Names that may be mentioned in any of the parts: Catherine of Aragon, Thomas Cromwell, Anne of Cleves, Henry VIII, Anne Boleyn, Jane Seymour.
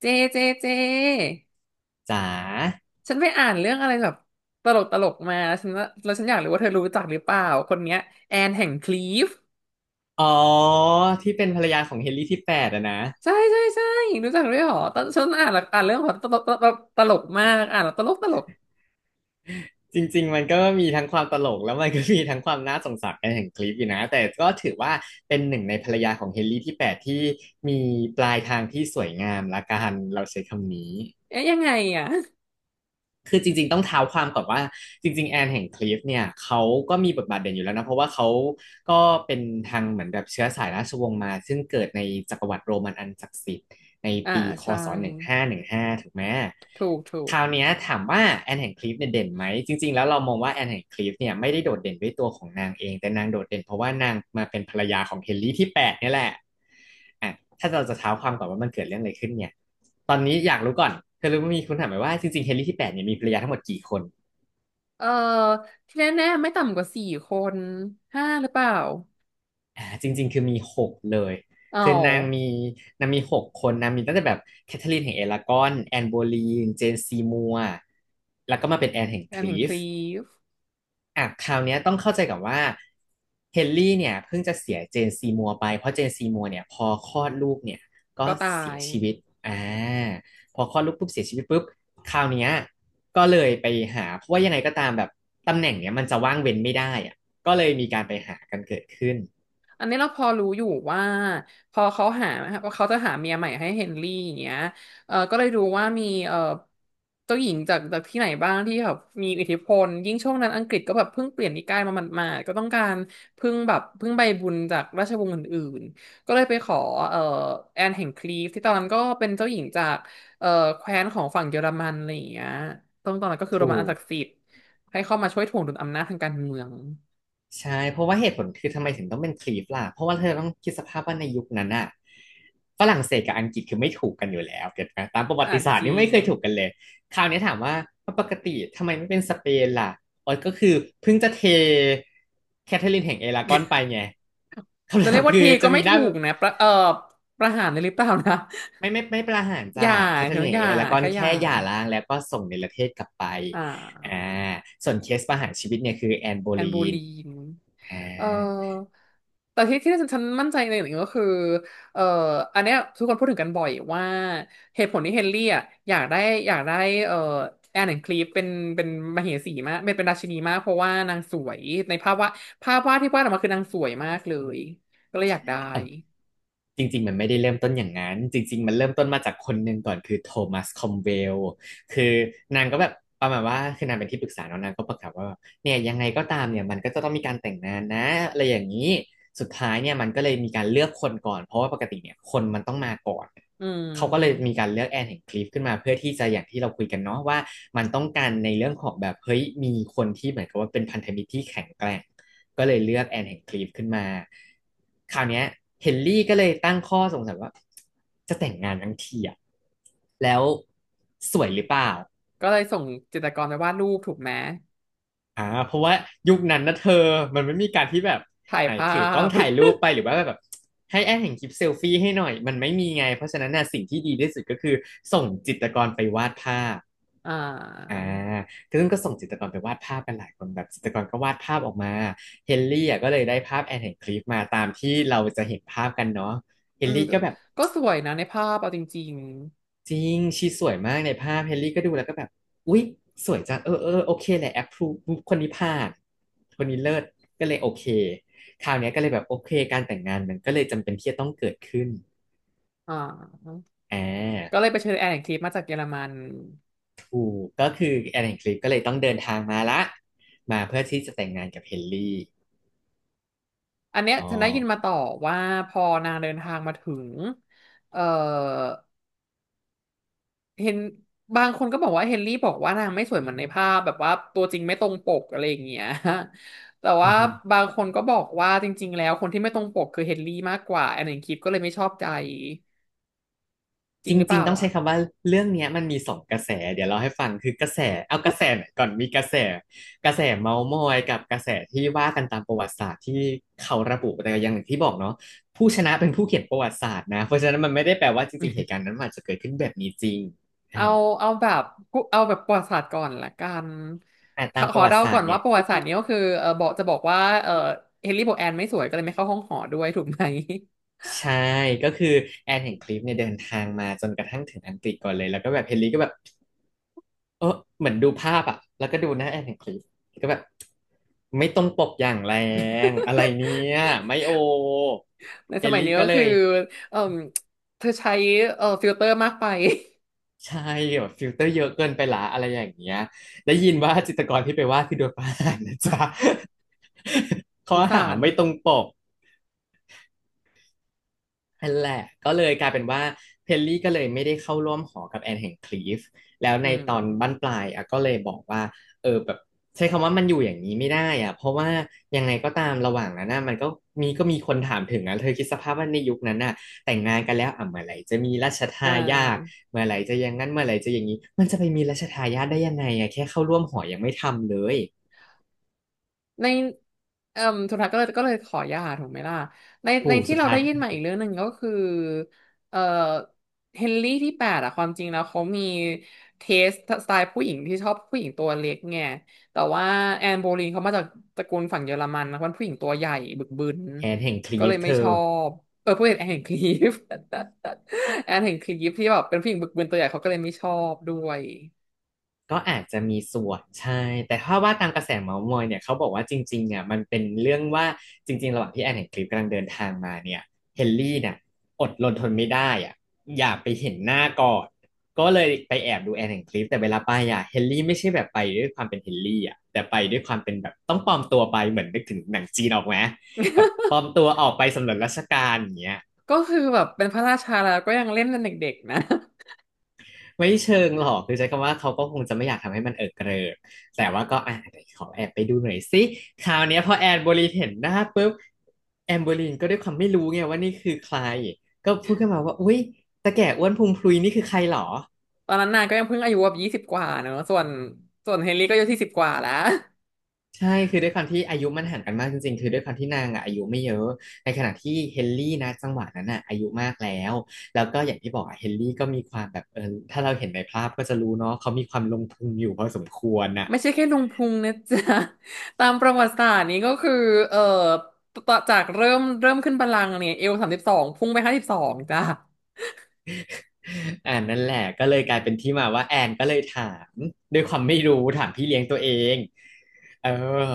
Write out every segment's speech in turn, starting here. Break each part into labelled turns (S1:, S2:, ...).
S1: เจเจเจ
S2: จ๋า
S1: ฉันไปอ่านเรื่องอะไรแบบตลกตลกมาฉันว่าแล้วฉันอยากรู้ว่าเธอรู้จักหรือเปล่าคนเนี้ยแอนแห่งคลีฟ
S2: อ๋อที่เป็นภรรยาของเฮนรี่ที่แปดอะนะ
S1: ใช่ใช่ใช่รู้จักด้วยเหรอตอนฉันอ่านแล้วอ่านเรื่องของตลกตลกตลกมากอ่านแล้วตลกตลก
S2: จริงๆมันก็มีทั้งความตลกแล้วมันก็มีทั้งความน่าสงสารแห่งคลิปอยู่นะแต่ก็ถือว่าเป็นหนึ่งในภรรยาของเฮนรี่ที่แปดที่มีปลายทางที่สวยงามละกันเราใช้คำนี้
S1: เอ๊ะยังไงอ่ะ
S2: คือจริงๆต้องเท้าความก่อนว่าจริงๆ แอนแห่งคลิฟเนี่ยเขาก็มีบทบาทเด่นอยู่แล้วนะเพราะว่าเขาก็เป็นทางเหมือนแบบเชื้อสายราชวงศ์มาซึ่งเกิดในจักรวรรดิโรมันอันศักดิ์สิทธิ์ ใน
S1: อ่า
S2: ปีค
S1: ใช่
S2: ศ1515ถูกไหม
S1: ถูกถู
S2: ค
S1: ก
S2: ราวเนี้ยถามว่าแอนแห่งคลิฟเนี่ยเด่นไหมจริงๆแล้วเรามองว่าแอนแห่งคลิฟเนี่ยไม่ได้โดดเด่นด้วยตัวของนางเองแต่นางโดดเด่นเพราะว่านางมาเป็นภรรยาของเฮนรี่ที่แปดเนี่ยแหละอ่ะถ้าเราจะเท้าความก่อนว่ามันเกิดเรื่องอะไรขึ้นเนี่ยตอนนี้อยากรู้ก่อนเธอรู้ไหมมีคุณถามไหมว่าจริงๆเฮนรี่ที่แปดเนี่ยมีภรรยาทั้งหมดกี่คน
S1: เออที่แน่ๆไม่ต่ำกว่าสี่คนห้าหรือเปล่า
S2: อ่าจริงๆคือมีหกเลย
S1: อ๋อ
S2: คือนางมีหกคนนางมีตั้งแต่แบบแคทเธอรีนแห่งเอลากอนแอนโบลีนเจนซีมัวแล้วก็มาเป็นแอนแห่ง
S1: แอ
S2: ค
S1: น
S2: ลี
S1: แห่งค
S2: ฟ
S1: ลีฟ
S2: อ่ะคราวเนี้ยต้องเข้าใจกับว่าเฮนรี่เนี่ยเพิ่งจะเสียเจนซีมัวไปเพราะเจนซีมัวเนี่ยพอคลอดลูกเนี่ยก็
S1: ก็ตา
S2: เสีย
S1: ย
S2: ชีวิตอ่าพอคลอดลูกปุ๊บเสียชีวิตปุ๊บคราวเนี้ยก็เลยไปหาเพราะว่ายังไงก็ตามแบบตำแหน่งเนี่ยมันจะว่างเว้นไม่ได้อ่ะก็เลยมีการไปหากันเกิดขึ้น
S1: อันนี้เราพอรู้อยู่ว่าพอเขาหาว่าเขาจะหาเมียใหม่ให้เฮนรี่อย่างเงี้ยเออก็เลยรู้ว่ามีเจ้าหญิงจากที่ไหนบ้างที่แบบมีอิทธิพลยิ่งช่วงนั้นอังกฤษก็แบบเพิ่งเปลี่ยนนิกายมาหมาดๆก็ต้องการพึ่งใบบุญจากราชวงศ์อื่นๆก็เลยไปขอเออแอนแห่งคลีฟที่ตอนนั้นก็เป็นเจ้าหญิงจากเออแคว้นของฝั่งเยอรมันอะไรอย่างเงี้ยตรงตอนนั้นก็คือโร
S2: ถู
S1: มันอั
S2: ก
S1: นศักดิ์สิทธิ์ให้เข้ามาช่วยถ่วงดุลอำนาจทางการเมือง
S2: ใช่เพราะว่าเหตุผลคือทำไมถึงต้องเป็นคลีฟล่ะเพราะว่าเธอต้องคิดสภาพว่าในยุคนั้นอะฝรั่งเศสกับอังกฤษคือไม่ถูกกันอยู่แล้วเก็ตไหมตามประวั
S1: อ่ะ
S2: ติศาสต
S1: จ
S2: ร์
S1: ริ
S2: นี่ไม่
S1: ง
S2: เคยถูกกันเลยคราวนี้ถามว่าปกติทำไมไม่เป็นสเปนล่ะอ๋อก็คือเพิ่งจะเทแคทเธอรีนแห่งเอรากอนไปไงคำ
S1: จะเรี
S2: ถา
S1: ย
S2: ม
S1: กว่า
S2: คือ
S1: ที
S2: จะ
S1: ก็
S2: มี
S1: ไม่
S2: หน้า
S1: ถูกนะประหารเลยหรือเปล่านะ
S2: ไม่ประหาร
S1: อ
S2: จ้า
S1: ย่า
S2: แคทเธอ
S1: ถึ
S2: รีน
S1: ง
S2: แห่
S1: อ
S2: ง
S1: ย่า
S2: เอรากอน
S1: แค่อย่า
S2: แค่หย่าร้างแล้วก็ส่งเนรเทศกลับไป
S1: อ่
S2: อ่า
S1: า
S2: ส่วนเคสประหารชีวิตเนี่ยคือแอนโบ
S1: แอ
S2: ลี
S1: นโบ
S2: น
S1: ลีน
S2: อ่
S1: เออแต่ที่ฉันมั่นใจในอย่างหนึ่งก็คือเอออันเนี้ยทุกคนพูดถึงกันบ่อยว่าเหตุผลที่เฮนรี่อ่ะอยากได้อยากได้เออแอนคลีฟเป็นมเหสีมากเป็นราชินีมากเพราะว่านางสวยในภาพวาดภาพวาดที่วาดออกมาคือนางสวยมากเลยก็เลยอยากได้
S2: า จริงๆมันไม่ได้เริ่มต้นอย่างนั้นจริงๆมันเริ่มต้นมาจากคนหนึ่งก่อนคือโทมัสคอมเวลคือนางก็แบบประมาณว่าคือนางเป็นที่ปรึกษาเนาะนางก็ประกาศว่าเนี่ยยังไงก็ตามเนี่ยมันก็จะต้องมีการแต่งงานนะอะไรอย่างนี้สุดท้ายเนี่ยมันก็เลยมีการเลือกคนก่อนเพราะว่าปกติเนี่ยคนมันต้องมาก่อน
S1: อื
S2: เขาก็เลยมี
S1: ม
S2: การเลือกแอนแห่งคลิฟขึ้นมาเพื่อที่จะอย่างที่เราคุยกันเนาะว่ามันต้องการในเรื่องของแบบเฮ้ยมีคนที่เหมือนกับว่าเป็นพันธมิตรที่แข็งแกร่ง ก็เลยเลือกแอนแห่งคลีฟขึ้นมาคราวนี้เฮนรี่ก็เลยตั้งข้อสงสัยว่าจะแต่งงานทั้งทีอะแล้วสวยหรือเปล่า
S1: ก็เลยส่งจิตรกรไปวาดรูปถูกไหม
S2: อ่าเพราะว่ายุคนั้นนะเธอมันไม่มีการที่แบบ
S1: ถ่าย
S2: ไหน
S1: ภา
S2: ถือกล้อง
S1: พ
S2: ถ่ายรูปไปหรือว่าแบบให้แอนแห่งคลิปเซลฟี่ให้หน่อยมันไม่มีไงเพราะฉะนั้นน่ะสิ่งที่ดีที่สุดก็คือส่งจิตรกรไปวาดภาพ
S1: อ่
S2: อ่า
S1: า
S2: คือซึ่งก็ส่งจิตรกรไปวาดภาพกันหลายคนแบบจิตรกรก็วาดภาพออกมาเฮนรี่อ่ะก็เลยได้ภาพแอนแห่งคลิฟมาตามที่เราจะเห็นภาพกันเนาะเฮ
S1: อื
S2: น
S1: ม
S2: รี่
S1: ก็
S2: ก็แบบ
S1: ก็สวยนะในภาพเอาจริง
S2: จริงชีสวยมากในภาพเฮนรี่ก็ดูแล้วก็แบบอุ๊ยสวยจังเออเออโอเคแหละแอปพรูคนนี้ผ่านคนนี้เลิศก็เลยโอเคคราวเนี้ยก็เลยแบบโอเคการแต่งงานมันก็เลยจำเป็นที่จะต้องเกิดขึ้น
S1: ๆอ่า
S2: อ่
S1: ก็
S2: า
S1: เลยไปเชิญแอนคลิปมาจากเยอรมัน
S2: ถูกก็คือแอนแห่งคลิฟก็เลยต้องเดินทางมาละมาเพื่อที่จะแต่งงานกับเฮนรี่
S1: อันเนี้ย
S2: อ๋อ
S1: ฉันได้ยินมาต่อว่าพอนางเดินทางมาถึงเอ่อเห็นบางคนก็บอกว่าเฮนรี่บอกว่านางไม่สวยเหมือนในภาพแบบว่าตัวจริงไม่ตรงปกอะไรอย่างเงี้ย แต่ว่าบางคนก็บอกว่าจริงๆแล้วคนที่ไม่ตรงปกคือเฮนรี่มากกว่าแอนแอนคลิปก็เลยไม่ชอบใจจ
S2: จ
S1: ริงหรือเป
S2: ริง
S1: ล่า
S2: ๆต้องใช้
S1: อ่ะ
S2: คำว่าเรื่องเนี้ยมันมีสองกระแสเดี๋ยวเราให้ฟังคือกระแสเอากระแสไหนก่อนมีกระแสเมาท์มอยกับกระแสที่ว่ากันตามประวัติศาสตร์ที่เขาระบุแต่อย่างที่บอกเนาะผู้ชนะเป็นผู้เขียนประวัติศาสตร์นะเพราะฉะนั้นมันไม่ได้แปลว่าจริงๆเหตุการณ์นั้นมันอาจจะเกิดขึ้นแบบนี้จริง
S1: เอา
S2: อ่า
S1: เอาแบบเอาแบบประวัติศาสตร์ก่อนละกัน
S2: แต่
S1: ข
S2: ตา
S1: อ
S2: มป
S1: ข
S2: ระ
S1: อ
S2: วั
S1: เดา
S2: ติศา
S1: ก่
S2: สต
S1: อน
S2: ร์เนี่
S1: ว่า
S2: ย
S1: ประวัติศาสตร์นี้ก็คือบอกจะบอกว่าเออเฮนรี่โบแอนไม่สวยก็เลยไม่เข้าห้องหอด้วยถูกไหม
S2: ใช่ก็คือแอนแห่งคลิปเนี่ยเดินทางมาจนกระทั่งถึงอังกฤษก่อนเลยแล้วก็แบบเฮนรี่ก็แบบ เออเหมือนดูภาพอ่ะแล้วก็ดูหน้าแอนแห่งคลิปก็แบบไม่ต้องปบอย่างแรงอะไรเนี่ยไม่โอ
S1: ใน
S2: เอ
S1: ส
S2: ล
S1: มัย
S2: ลี่
S1: นี้
S2: ก็
S1: ก็
S2: เล
S1: คือ
S2: ย
S1: เออเธอใช้ฟิลเตอร์มากไป
S2: ใช่แบบฟิลเตอร์เยอะเกินไปละอะไรอย่างเงี้ยได้ยินว่าจิตรกรที่ไปวาดคือโดนประหารนะจ๊ะ
S1: ส
S2: ข้อ
S1: ง
S2: หา
S1: สาร
S2: ไม่ตรงปก นั่นแหละก็เลยกลายเป็นว่าเพลลี่ก็เลยไม่ได้เข้าร่วมหอกับแอนแห่งคลีฟแล้ว
S1: อื
S2: ในตอนบั้น
S1: ม
S2: ปลายอ่ะก็เลยบอกว่าเออแบบใช้คำว่ามันอยู่อย่างนี้ไม่ได้อ่ะเพราะว่ายังไงก็ตามระหว่างนั้นน่ะมันก็มีก็มีคนถามถึงนะเธอคิดสภาพว่าในยุคนั้นน่ะแต่งงานกันแล้วอ่ะเมื่อไหร่จะมีราช
S1: อ่
S2: ทายาท
S1: า
S2: เมื่อไหร่จะอย่างนั้นเมื่อไหร่จะอย่างนี้มันจะไปมีราชทายาทได้ยังไงอ่ะแค่เข้าร่วมหอยังไม่ทำเลย
S1: ในเอ่มสุดท้ายก็เลยขอหย่าถูกไหมล่ะใน
S2: ปู่
S1: ที่
S2: สุด
S1: เรา
S2: ท้าย
S1: ได้ยินมาอีกเรื่องหนึ่งก็คือเอ่อเฮนรี่ที่แปดอะความจริงแล้วเขามีเทสสไตล์ผู้หญิงที่ชอบผู้หญิงตัวเล็กไงแต่ว่าแอนโบลีนเขามาจากตระกูลฝั่งเยอรมันนะเป็นผู้หญิงตัวใหญ่บึกบึน
S2: แอนแห่งคลี
S1: ก็เล
S2: ฟ
S1: ย
S2: เธ
S1: ไม่ช
S2: อ
S1: อบผู้หญิงแอนแห่งคลีฟ แอนแห่งคลีฟ ที่แบบเป็นผู้หญิงบึกบึนตัวใหญ่เขาก็เลยไม่ชอบด้วย
S2: ก็อาจจะมีส่วนใช่ แต่ถ้าว่าตามกระแสเมาส์มอยเนี่ยเขาบอกว่าจริงๆเนี่ยมันเป็นเรื่องว่าจริงๆระหว่างที่แอนเห็นคลิปกำลังเดินทางมาเนี่ยเฮนรี่เนี่ยอดรนทนไม่ได้อ่ะอยากไปเห็นหน้าก่อนก็เลยไปแอบดูแอนเห็นคลิปแต่เวลาไปอ่ะเฮนรี่ไม่ใช่แบบไปด้วยความเป็นเฮนรี่อ่ะแต่ไปด้วยความเป็นแบบต้องปลอมตัวไปเหมือนนึกถึงหนังจีนออกไหมแบบปลอมตัวออกไปสำรวจราชการอย่างเงี้ย
S1: ก็คือแบบเป็นพระราชาแล้วก็ยังเล่นเป็นเด็กๆนะ
S2: ไม่เชิงหรอกคือใช้คำว่าเขาก็คงจะไม่อยากทำให้มันเอิกเกริกแต่ว่าก็อ่ะไหขอแอบไปดูหน่อยสิคราวเนี้ยพอแอนโบลีนเห็นหน้าปุ๊บแอนโบลีนก็ด้วยความไม่รู้ไงว่านี่คือใครก็พูดขึ้นมาว่าอุ๊ยตาแก่อ้วนพุงพลุยนี่คือใครหรอ
S1: ตอนนั้นนางก็ยังเพิ่งอายุแบบ20กว่าเนอะ ส่วนเฮนรี่ก็อายุที่สิบกว่าแล้ว
S2: ใช่คือด้วยความที่อายุมันห่างกันมากจริงๆคือด้วยความที่นางอะอายุไม่เยอะในขณะที่เฮนรี่นะจังหวะนั้นอ่ะอายุมากแล้วแล้วก็อย่างที่บอกอะเฮนรี่ก็มีความแบบถ้าเราเห็นในภาพก็จะรู้เนาะเขามีความลงทุนอยู่พอสมควรอ่ะ
S1: ไม่ใช่แค่ลุงพุงนะจ๊ะ ตามประวัติศาสตร์นี้ก็คือเอ่อต่อจากเริ่มขึ้นบัลลังก์เนี่ยเอว32พุ่งไป52จ้ะ
S2: นั่นแหละก็เลยกลายเป็นที่มาว่าแอนก็เลยถามด้วยความไม่รู้ถามพี่เลี้ยงตัวเองเออ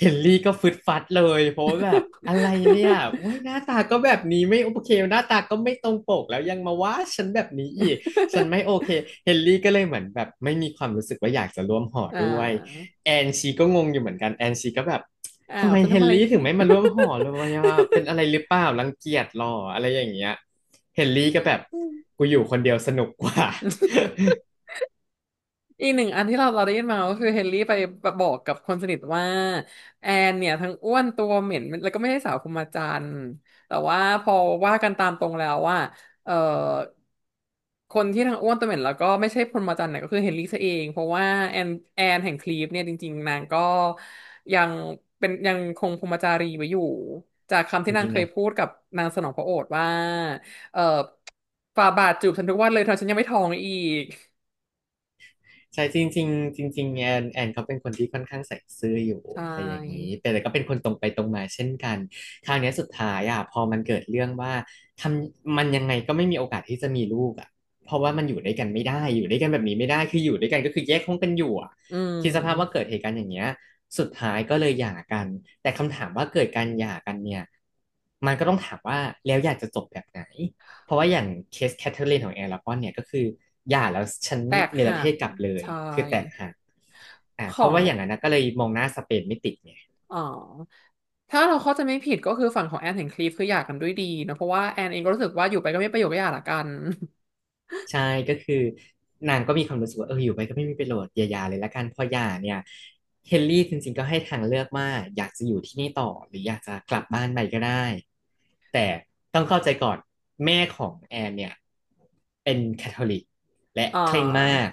S2: เฮนรี่ก็ฟึดฟัดเลยเพราะว่าแบบอะไรเนี่ยเว้ยหน้าตาก็แบบนี้ไม่โอเคหน้าตาก็ไม่ตรงปกแล้วยังมาว่าฉันแบบนี้อีกฉันไม่โอเคเฮนรี่ก็เลยเหมือนแบบไม่มีความรู้สึกว่าอยากจะร่วมหอ
S1: อ่
S2: ด้วย
S1: า
S2: แอนชีก็งงอยู่เหมือนกันแอนชีก็แบบ
S1: อ้า
S2: ทำ
S1: ว
S2: ไม
S1: ฉัน
S2: เฮ
S1: ทำ
S2: น
S1: อะไร
S2: รี่ถึ
S1: ผิ
S2: ง
S1: ด
S2: ไม่มาร่วมหอ เลยวะเป็นอะไรหรือเปล่ารังเกียจหรออะไรอย่างเงี้ยเฮนรี่ก็แบบ
S1: อื
S2: กูอยู่คนเดียวสนุกกว่า
S1: อีกหนึ่งอันที่เราได้ยินมาก็คือเฮนรี่ไปบอกกับคนสนิทว่าแอนเนี่ยทั้งอ้วนตัวเหม็นแล้วก็ไม่ใช่สาวคุมาจันทร์แต่ว่าพอว่ากันตามตรงแล้วว่าเอ่อคนที่ทั้งอ้วนตัวเหม็นแล้วก็ไม่ใช่พรหมจันทรย์เนี่ยก็คือเฮนรี่ซะเองเพราะว่าแอนแห่งคลีฟเนี่ยจริงๆนางก็ยังเป็นยังคงพรหมจารีไว้อยู่จากคำ
S2: จ
S1: ที่นาง
S2: ริง
S1: เค
S2: ๆ
S1: ย
S2: นะ
S1: พูดกับนางสนองพระโอษฐ์ว่าเอ่อฝ่าบาทจูบฉันทุกวันเลยเธอฉันยังไม่ท้องอีก
S2: ใช่จริงๆจริงจริงๆแอนเขาเป็นคนที่ค่อนข้างใส่ซื่ออยู่
S1: ใช
S2: อะไรอย่างนี้
S1: ่
S2: แต่ก็เป็นคนตรงไปตรงมาเช่นกันคราวเนี้ยสุดท้ายอ่ะพอมันเกิดเรื่องว่าทำมันยังไงก็ไม่มีโอกาสที่จะมีลูกอ่ะเพราะว่ามันอยู่ด้วยกันไม่ได้อยู่ด้วยกันแบบนี้ไม่ได้คืออยู่ด้วยกันก็คือแยกห้องกันอยู่อ่ะ
S1: อื
S2: คิดสภาพว่าเกิ
S1: ม
S2: ดเหตุการณ์อย่างเงี้ยสุดท้ายก็เลยหย่ากันแต่คำถามว่าเกิดการหย่ากันเนี่ยมันก็ต้องถามว่าแล้วอยากจะจบแบบไหน เพราะว่าอย่างเคสแคทเธอรีนของแอร์ลาปอนเนี่ยก็คือหย่าแล้วฉัน
S1: แตก
S2: เนร
S1: หั
S2: เท
S1: ก
S2: ศกลับเลย
S1: ใช่
S2: คือแตกหัก
S1: ขอ
S2: เพราะ
S1: ง
S2: ว่าอย่างนั้นนะก็เลยมองหน้าสเปนไม่ติดไง
S1: อ๋อถ้าเราเข้าใจไม่ผิดก็คือฝั่งของแอนเห็นคลิปคือหย่ากันด้วยดีเนอะเพราะว่าแอนเองก็รู้สึกว่าอยู่ไปก็ไม่ประโยชน์ก็หย่าละกัน
S2: ใช่ก็คือนางก็มีความรู้สึกว่าเอออยู่ไปก็ไม่มีประโยชน์อย่าหย่าเลยละกันพอหย่าเนี่ยเฮนรี่จริงๆก็ให้ทางเลือกว่าอยากจะอยู่ที่นี่ต่อหรืออยากจะกลับบ้านไปก็ได้แต่ต้องเข้าใจก่อนแม่ของแอนเนี่ยเป็นแคทอลิกและ
S1: อ่
S2: เคร่งมา
S1: า
S2: ก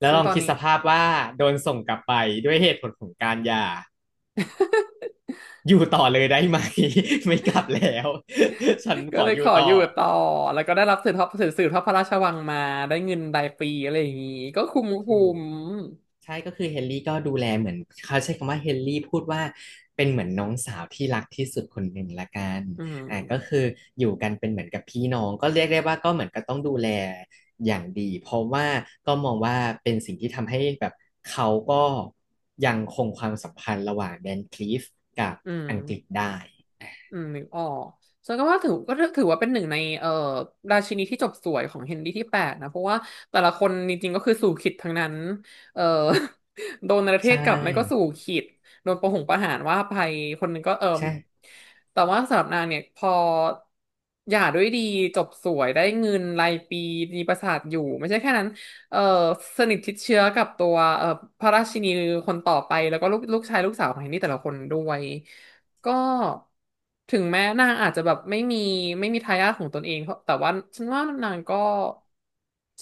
S2: แล้ว
S1: ซึ่
S2: ล
S1: ง
S2: อง
S1: ตอน
S2: คิด
S1: นี้
S2: สภาพว่าโดนส่งกลับไปด้วยเหตุผลของการหย่าอยู่ต่อเลยได้ไหม ไม่กลับแล้ว ฉัน ข
S1: ก็
S2: อ
S1: เลย
S2: อ
S1: ข
S2: ยู่
S1: อ
S2: ต่
S1: อ
S2: อ
S1: ยู่ต่อแล้วก็ได้รับสืบทอดพระราชวังมาได้เงินรายปีอะไรอย่างงี้ก็คุ้มคุ้
S2: ถูก
S1: ม
S2: ใช่ก็คือเฮนรี่ก็ดูแลเหมือนเขาใช้คำว่าเฮนรี่พูดว่าเป็นเหมือนน้องสาวที่รักที่สุดคนหนึ่งละกัน
S1: อื
S2: ก็คื
S1: ม
S2: ออยู่กันเป็นเหมือนกับพี่น้องก็เรียกได้ว่าก็เหมือนก็ต้องดูแลอย่างดีเพราะว่าก็มองว่าเป็นสิ่งที่ทำให้แบบเขาก็ยังคงความสัมพันธ์ระหว่างแดนคลีฟกับ
S1: อืม
S2: อังกฤษได้
S1: อืมนึกออกฉันก็ว่าถือก็ถือว่าเป็นหนึ่งในราชินีที่จบสวยของเฮนรี่ที่แปดนะเพราะว่าแต่ละคนจริงๆก็คือสู่ขิตทั้งนั้นเอ่อ โดนประเท
S2: ใช
S1: ศกลับไม่ก็สู่
S2: ่
S1: ขิตโดนประหารว่าไปคนหนึ่งก็เอิ่ม
S2: ใช่
S1: แต่ว่าสำหรับนางเนี่ยพอหย่าด้วยดีจบสวยได้เงินรายปีมีปราสาทอยู่ไม่ใช่แค่นั้นเอ่อสนิทชิดเชื้อกับตัวพระราชินีคนต่อไปแล้วก็ลูกชายลูกสาวของเฮนรี่แต่ละคนด้วย ก็ถึงแม้นางอาจจะแบบไม่มีทายาทของตนเองเพราะแต่ว่าฉันว่านางก็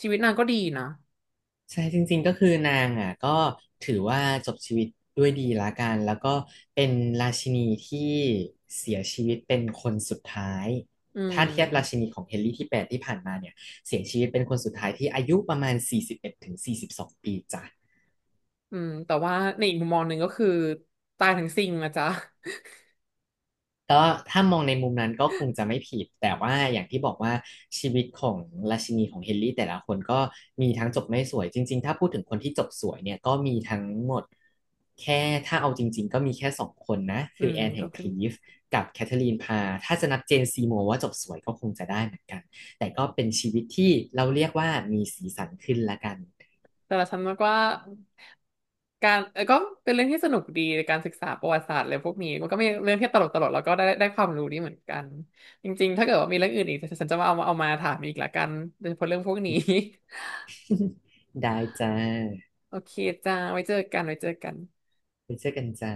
S1: ชีวิตนางก็ดีนะ
S2: ใช่จริงๆก็คือนางอ่ะก็ถือว่าจบชีวิตด้วยดีละกันแล้วก็เป็นราชินีที่เสียชีวิตเป็นคนสุดท้าย
S1: อื
S2: ถ้าเทียบราชิ
S1: ม
S2: นีของเฮนรี่ที่แปดที่ผ่านมาเนี่ยเสียชีวิตเป็นคนสุดท้ายที่อายุประมาณ41 ถึง 42ปีจ้ะ
S1: อืมแต่ว่าในอีกมุมมองหนึ่งก็คือตายทั้งซิ่งนะจ๊ะ
S2: ก็ถ้ามองในมุมนั้นก็คงจะไม่ผิดแต่ว่าอย่างที่บอกว่าชีวิตของราชินีของเฮนรี่แต่ละคนก็มีทั้งจบไม่สวยจริงๆถ้าพูดถึงคนที่จบสวยเนี่ยก็มีทั้งหมดแค่ถ้าเอาจริงๆก็มีแค่สองคนนะ
S1: อื
S2: คือ
S1: ม
S2: แอนแห่
S1: ก็
S2: งค
S1: คือ
S2: ลีฟกับแคทเธอรีนพาร์ถ้าจะนับเจนซีโมว์ว่าจบสวยก็คงจะได้เหมือนกันแต่ก็เป็นชีวิตที่เราเรียกว่ามีสีสันขึ้นละกัน
S1: แต่ละฉันว่าการก็เป็นเรื่องที่สนุกดีในการศึกษาประวัติศาสตร์อะไรพวกนี้มันก็มีเรื่องที่ตลกตลกแล้วก็ได้ความรู้ดีเหมือนกันจริงๆถ้าเกิดว่ามีเรื่องอื่นอีกฉันจะมาเอามาถามอีกละกันโดยเฉพาะเรื่องพวกนี้
S2: ได้จ้า
S1: โอเคจ้าไว้เจอกันไว้เจอกัน
S2: ไปเจอกันจ้า